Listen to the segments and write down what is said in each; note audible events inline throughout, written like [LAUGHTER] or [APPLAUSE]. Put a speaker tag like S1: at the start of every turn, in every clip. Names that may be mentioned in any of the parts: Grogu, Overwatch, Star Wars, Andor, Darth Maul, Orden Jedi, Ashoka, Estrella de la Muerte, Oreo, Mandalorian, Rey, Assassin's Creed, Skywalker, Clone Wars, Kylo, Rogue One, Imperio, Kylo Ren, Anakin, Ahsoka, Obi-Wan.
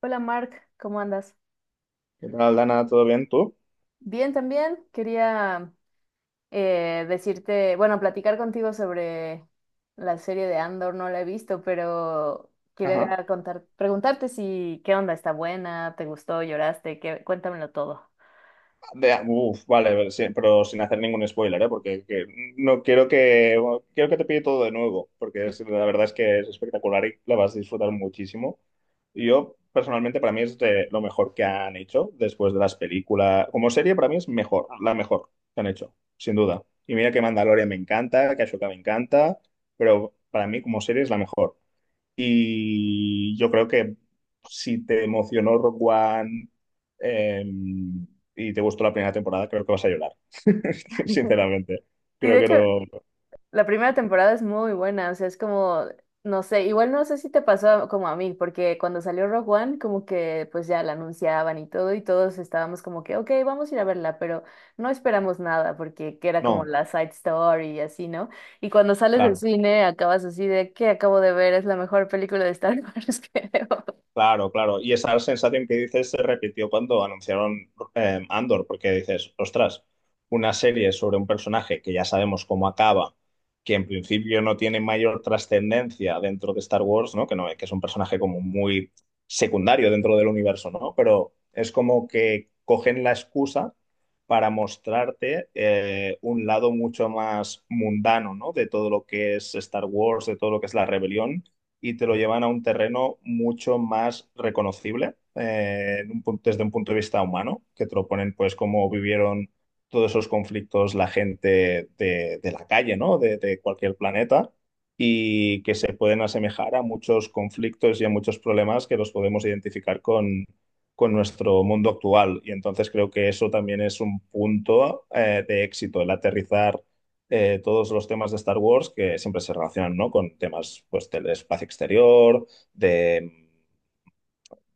S1: Hola Mark, ¿cómo andas?
S2: ¿Qué tal, Dana? ¿Todo bien tú?
S1: Bien, también quería decirte, bueno, platicar contigo sobre la serie de Andor, no la he visto, pero
S2: Ajá.
S1: quería preguntarte si qué onda, está buena, te gustó, lloraste, qué, cuéntamelo todo.
S2: Uf, vale, pero sí, pero sin hacer ningún spoiler, ¿eh? Porque no quiero que bueno, quiero que te pille todo de nuevo, porque la verdad es que es espectacular y la vas a disfrutar muchísimo. Y yo, personalmente, para mí es de lo mejor que han hecho después de las películas. Como serie, para mí es mejor, la mejor que han hecho, sin duda. Y mira que Mandalorian me encanta, que Ashoka me encanta, pero para mí como serie es la mejor. Y yo creo que si te emocionó Rock One em, y te gustó la primera temporada, creo que vas a llorar. [LAUGHS] Sinceramente.
S1: Sí,
S2: Creo
S1: de
S2: que
S1: hecho,
S2: no.
S1: la primera temporada es muy buena, o sea, es como, no sé, igual no sé si te pasó como a mí, porque cuando salió Rogue One, como que pues ya la anunciaban y todo, y todos estábamos como que, ok, vamos a ir a verla, pero no esperamos nada, porque que era como
S2: No,
S1: la side story y así, ¿no? Y cuando sales del
S2: claro.
S1: cine acabas así de, ¿qué acabo de ver? Es la mejor película de Star [LAUGHS] Wars, que creo.
S2: Claro, claro. Y esa sensación que dices se repitió cuando anunciaron Andor, porque dices, ostras, una serie sobre un personaje que ya sabemos cómo acaba, que en principio no tiene mayor trascendencia dentro de Star Wars, ¿no? Que no, que es un personaje como muy secundario dentro del universo, ¿no? Pero es como que cogen la excusa para mostrarte un lado mucho más mundano, ¿no? De todo lo que es Star Wars, de todo lo que es la rebelión y te lo llevan a un terreno mucho más reconocible desde un punto de vista humano, que te lo ponen pues cómo vivieron todos esos conflictos la gente de la calle, ¿no? De cualquier planeta y que se pueden asemejar a muchos conflictos y a muchos problemas que los podemos identificar con nuestro mundo actual. Y entonces creo que eso también es un punto de éxito, el aterrizar todos los temas de Star Wars que siempre se relacionan, ¿no? Con temas, pues, del espacio exterior, de,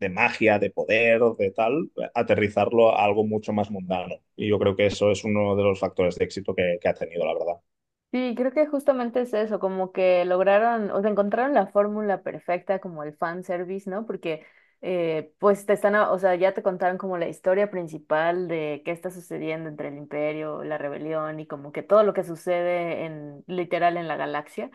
S2: de magia, de poder, de tal, aterrizarlo a algo mucho más mundano. Y yo creo que eso es uno de los factores de éxito que ha tenido, la verdad.
S1: Sí, creo que justamente es eso, como que lograron, o sea, encontraron la fórmula perfecta como el fan service, ¿no? Porque pues te están, o sea, ya te contaron como la historia principal de qué está sucediendo entre el imperio, la rebelión y como que todo lo que sucede en literal en la galaxia.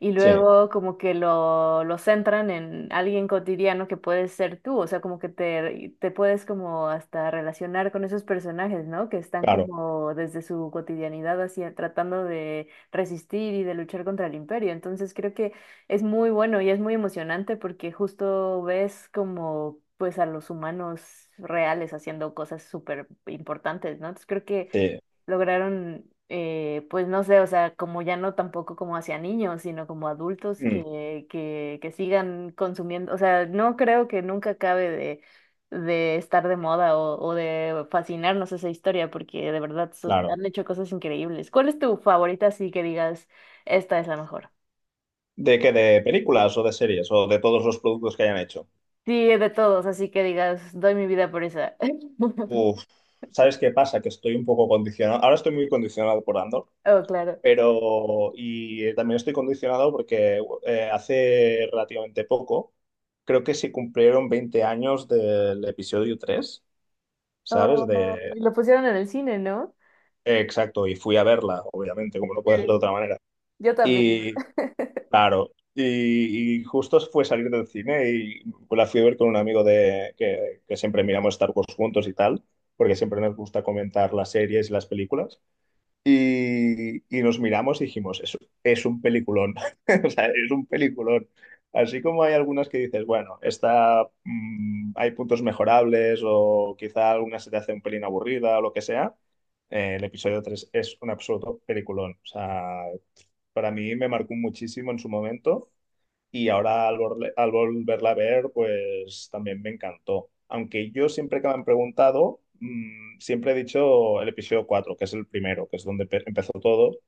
S1: Y
S2: Sí,
S1: luego como que lo centran en alguien cotidiano que puedes ser tú, o sea, como que te puedes como hasta relacionar con esos personajes, ¿no? Que están
S2: claro,
S1: como desde su cotidianidad así tratando de resistir y de luchar contra el imperio. Entonces creo que es muy bueno y es muy emocionante porque justo ves como pues a los humanos reales haciendo cosas súper importantes, ¿no? Entonces creo que
S2: sí,
S1: lograron, pues no sé, o sea, como ya no tampoco como hacia niños, sino como adultos
S2: mm,
S1: que sigan consumiendo, o sea, no creo que nunca acabe de estar de moda o de fascinarnos esa historia, porque de verdad
S2: claro.
S1: han hecho cosas increíbles. ¿Cuál es tu favorita, así que digas, esta es la mejor?
S2: ¿De qué? ¿De películas o de series o de todos los productos que hayan hecho?
S1: Sí, de todos, así que digas, doy mi vida por esa. [LAUGHS]
S2: Uf, ¿sabes qué pasa? Que estoy un poco condicionado. Ahora estoy muy condicionado por Andor.
S1: Oh, claro.
S2: Pero, y también estoy condicionado porque hace relativamente poco, creo que se cumplieron 20 años del episodio tres, ¿sabes?
S1: Oh, y lo pusieron en el cine, ¿no?
S2: Exacto, y fui a verla, obviamente, como no
S1: Sí,
S2: puede ser de otra manera.
S1: yo también.
S2: Y, claro, y justo fue salir del cine y la fui a ver con un amigo de, que siempre miramos Star Wars juntos y tal, porque siempre nos gusta comentar las series y las películas. Y nos miramos y dijimos, es un peliculón, [LAUGHS] o sea, es un peliculón. Así como hay algunas que dices, bueno, esta, hay puntos mejorables o quizá alguna se te hace un pelín aburrida o lo que sea, el episodio 3 es un absoluto peliculón. O sea, para mí me marcó muchísimo en su momento y ahora al volverla a ver, pues también me encantó. Aunque yo siempre que me han preguntado, siempre he dicho el episodio 4 que es el primero, que es donde empezó todo,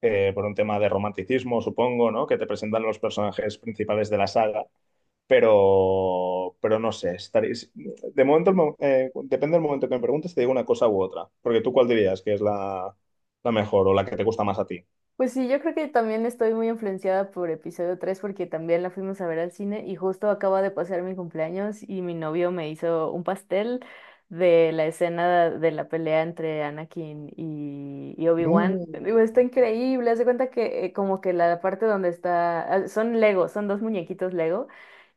S2: por un tema de romanticismo, supongo, ¿no? Que te presentan los personajes principales de la saga, pero no sé, estaréis... De momento, depende del momento que me preguntes, te digo una cosa u otra, porque tú cuál dirías que es la mejor o la que te gusta más a ti.
S1: Pues sí, yo creo que también estoy muy influenciada por episodio 3 porque también la fuimos a ver al cine y justo acaba de pasar mi cumpleaños y mi novio me hizo un pastel de la escena de la pelea entre Anakin y Obi-Wan.
S2: No,
S1: Digo, está
S2: qué bueno.
S1: increíble, haz de cuenta que como que la parte donde está, ah, son Lego, son dos muñequitos Lego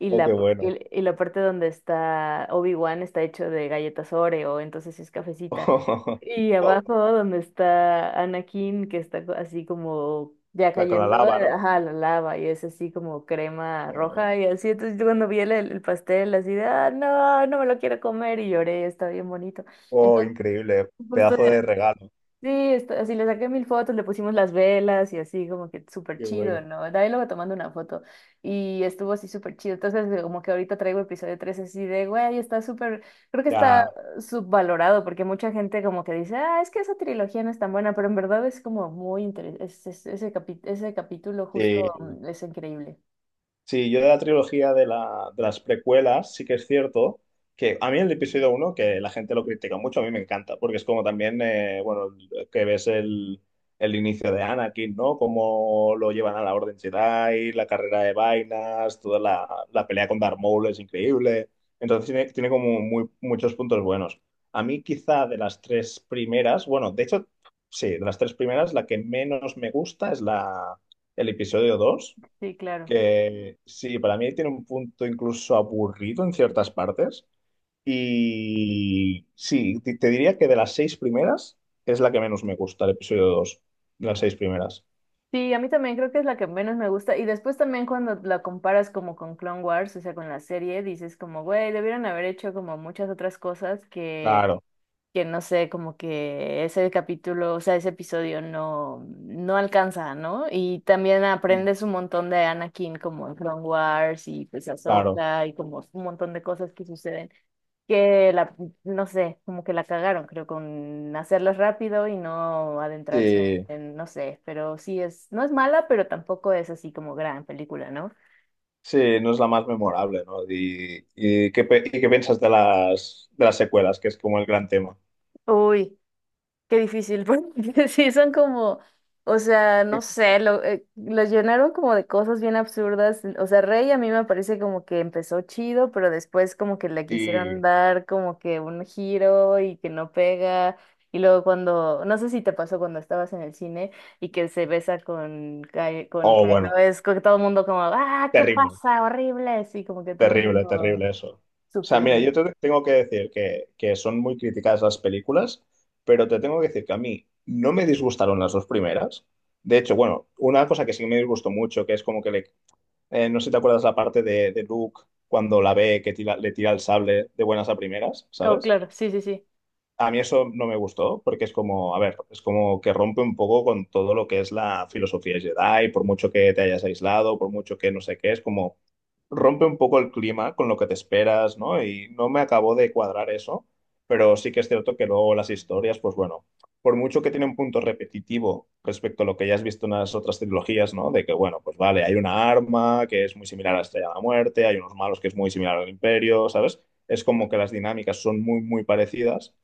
S1: y
S2: Oh,
S1: la,
S2: qué
S1: p-
S2: bueno.
S1: y, y la parte donde está Obi-Wan está hecho de galletas Oreo, entonces es cafecita.
S2: [LAUGHS]
S1: Y abajo donde está Anakin, que está así como ya
S2: La con la
S1: cayendo,
S2: lava, ¿no?
S1: ajá, la lava, y es así como crema
S2: Oh,
S1: roja y así. Entonces yo cuando vi el pastel así de, ah, no, no me lo quiero comer y lloré, está bien bonito.
S2: oh,
S1: Entonces,
S2: increíble.
S1: justo...
S2: Pedazo de regalo.
S1: Sí, así le saqué mil fotos, le pusimos las velas y así como que súper
S2: Qué
S1: chido,
S2: bueno.
S1: ¿no? Ahí luego tomando una foto y estuvo así súper chido. Entonces como que ahorita traigo episodio 3 así de, güey, está súper, creo que está
S2: Ya,
S1: subvalorado porque mucha gente como que dice, ah, es que esa trilogía no es tan buena, pero en verdad es como muy interesante, ese capítulo justo
S2: sí,
S1: es increíble.
S2: sí, yo de la trilogía de las precuelas, sí que es cierto que a mí el episodio uno que la gente lo critica mucho, a mí me encanta, porque es como también, bueno, que ves el inicio de Anakin, ¿no? Cómo lo llevan a la Orden Jedi, la carrera de vainas, toda la pelea con Darth Maul es increíble. Entonces tiene como muchos puntos buenos. A mí quizá de las tres primeras, bueno, de hecho, sí, de las tres primeras, la que menos me gusta es el episodio 2
S1: Sí, claro.
S2: que sí, para mí tiene un punto incluso aburrido en ciertas partes. Y sí, te diría que de las seis primeras es la que menos me gusta, el episodio dos. De las seis primeras.
S1: Sí, a mí también creo que es la que menos me gusta. Y después también cuando la comparas como con Clone Wars, o sea, con la serie, dices como, güey, debieron haber hecho como muchas otras cosas que,
S2: Claro.
S1: que no sé, como que ese capítulo, o sea, ese episodio no, no alcanza, ¿no? Y también
S2: Mm.
S1: aprendes un montón de Anakin como en Clone Wars y pues
S2: Claro.
S1: Ahsoka y como un montón de cosas que suceden que la, no sé, como que la cagaron, creo, con hacerlo rápido y no adentrarse
S2: Sí,
S1: en, no sé, pero sí es, no es mala, pero tampoco es así como gran película, ¿no?
S2: sí, no es la más memorable, ¿no? ¿Y qué piensas de las secuelas, que es como el gran tema?
S1: Uy. Qué difícil, porque [LAUGHS] sí son como, o sea, no sé, lo llenaron como de cosas bien absurdas. O sea, Rey a mí me parece como que empezó chido, pero después como que le quisieron
S2: Y,
S1: dar como que un giro y que no pega. Y luego cuando, no sé si te pasó cuando estabas en el cine y que se besa con
S2: oh,
S1: Kylo,
S2: bueno,
S1: es como que todo el mundo como, ah, ¿qué
S2: terrible.
S1: pasa? Horrible, así como que todo el
S2: Terrible,
S1: mundo
S2: terrible eso. O sea, mira, yo
S1: sufriendo.
S2: te tengo que decir que son muy criticadas las películas, pero te tengo que decir que a mí no me disgustaron las dos primeras. De hecho, bueno, una cosa que sí me disgustó mucho, que es como que le... no sé si te acuerdas la parte de Luke cuando la ve que le tira el sable de buenas a primeras,
S1: Oh,
S2: ¿sabes?
S1: claro, sí, sí, sí.
S2: A mí eso no me gustó porque es como, a ver, es como que rompe un poco con todo lo que es la filosofía Jedi, por mucho que te hayas aislado, por mucho que no sé qué, es como rompe un poco el clima con lo que te esperas, ¿no? Y no me acabó de cuadrar eso, pero sí que es cierto que luego las historias, pues bueno, por mucho que tiene un punto repetitivo respecto a lo que ya has visto en las otras trilogías, ¿no? De que, bueno, pues vale, hay una arma que es muy similar a la Estrella de la Muerte, hay unos malos que es muy similar al Imperio, ¿sabes? Es como que las dinámicas son muy parecidas,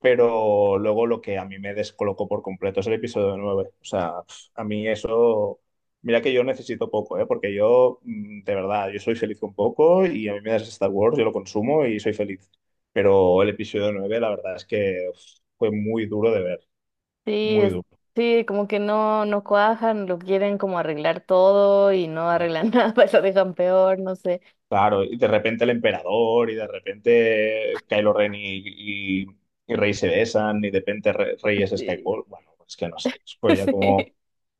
S2: pero luego lo que a mí me descolocó por completo es el episodio nueve. O sea, pf, a mí eso, mira que yo necesito poco, ¿eh? Porque yo, de verdad, yo soy feliz con poco y a mí me das Star Wars, yo lo consumo y soy feliz. Pero el episodio 9, la verdad es que uf, fue muy duro de ver,
S1: Sí,
S2: muy
S1: es-
S2: duro.
S1: sí, como que no, no cuajan, lo quieren como arreglar todo y no
S2: Y
S1: arreglan [LAUGHS] nada, lo dejan peor, no sé.
S2: claro, y de repente el emperador y de repente Kylo Ren y, y Rey se besan y de repente Rey es
S1: Sí,
S2: Skywalker. Bueno, es que no sé, es
S1: [LAUGHS]
S2: pues ya como
S1: sí,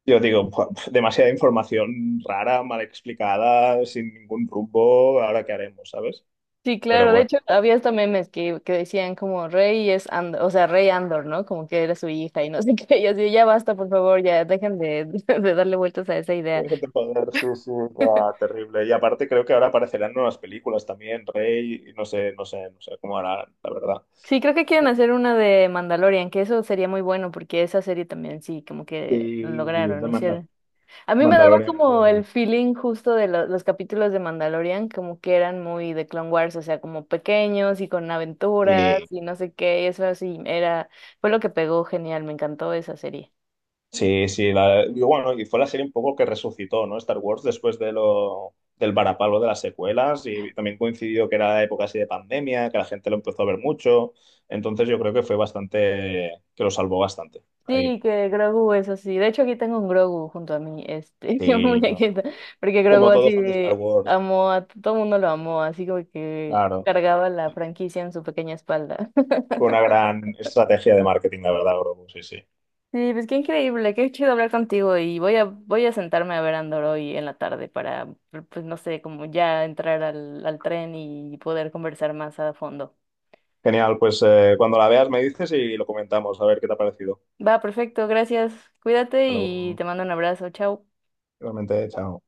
S2: yo digo, "Buah, demasiada información rara, mal explicada, sin ningún rumbo, ¿ahora qué haremos, sabes?
S1: sí,
S2: Pero
S1: claro, de hecho
S2: bueno,
S1: había hasta memes que decían como Rey es Andor, o sea, Rey Andor, ¿no? Como que era su hija y no [LAUGHS] sé qué, y así, ya basta, por favor, ya dejen de, [LAUGHS] de darle vueltas a esa idea.
S2: déjate joder, sí, sí, buah, terrible. Y aparte creo que ahora aparecerán nuevas películas también, Rey, y no sé, no sé, no sé cómo harán, la verdad.
S1: Sí, creo que quieren hacer una de Mandalorian, que eso sería muy bueno porque esa serie también sí, como que
S2: Y
S1: lograron,
S2: de
S1: hicieron. A mí me daba
S2: Mandalorian, creo.
S1: como el feeling justo de los capítulos de Mandalorian, como que eran muy de Clone Wars, o sea, como pequeños y con aventuras y no sé qué, y eso así era, fue lo que pegó genial, me encantó esa serie.
S2: Sí, sí, y bueno, y fue la serie un poco que resucitó, ¿no? Star Wars después de del varapalo de las secuelas y también coincidió que era época así de pandemia, que la gente lo empezó a ver mucho, entonces yo creo que fue bastante, que lo salvó bastante ahí.
S1: Sí, que Grogu es así. De hecho, aquí tengo un Grogu junto a mí, este, [LAUGHS] un
S2: Y
S1: muñequito,
S2: bueno,
S1: porque Grogu
S2: como todo fan de Star
S1: así
S2: Wars,
S1: amó a todo el mundo lo amó, así como que
S2: claro,
S1: cargaba la franquicia en su pequeña espalda. [LAUGHS]
S2: fue una gran estrategia de marketing, la verdad, Grogu, sí, sí.
S1: Sí, pues qué increíble, qué chido hablar contigo y voy a sentarme a ver Andor hoy en la tarde para, pues no sé, como ya entrar al tren y poder conversar más a fondo.
S2: Genial, pues cuando la veas me dices y lo comentamos, a ver qué te ha parecido.
S1: Va, perfecto, gracias, cuídate
S2: Hasta
S1: y
S2: luego.
S1: te mando un abrazo, chao.
S2: Igualmente, chao.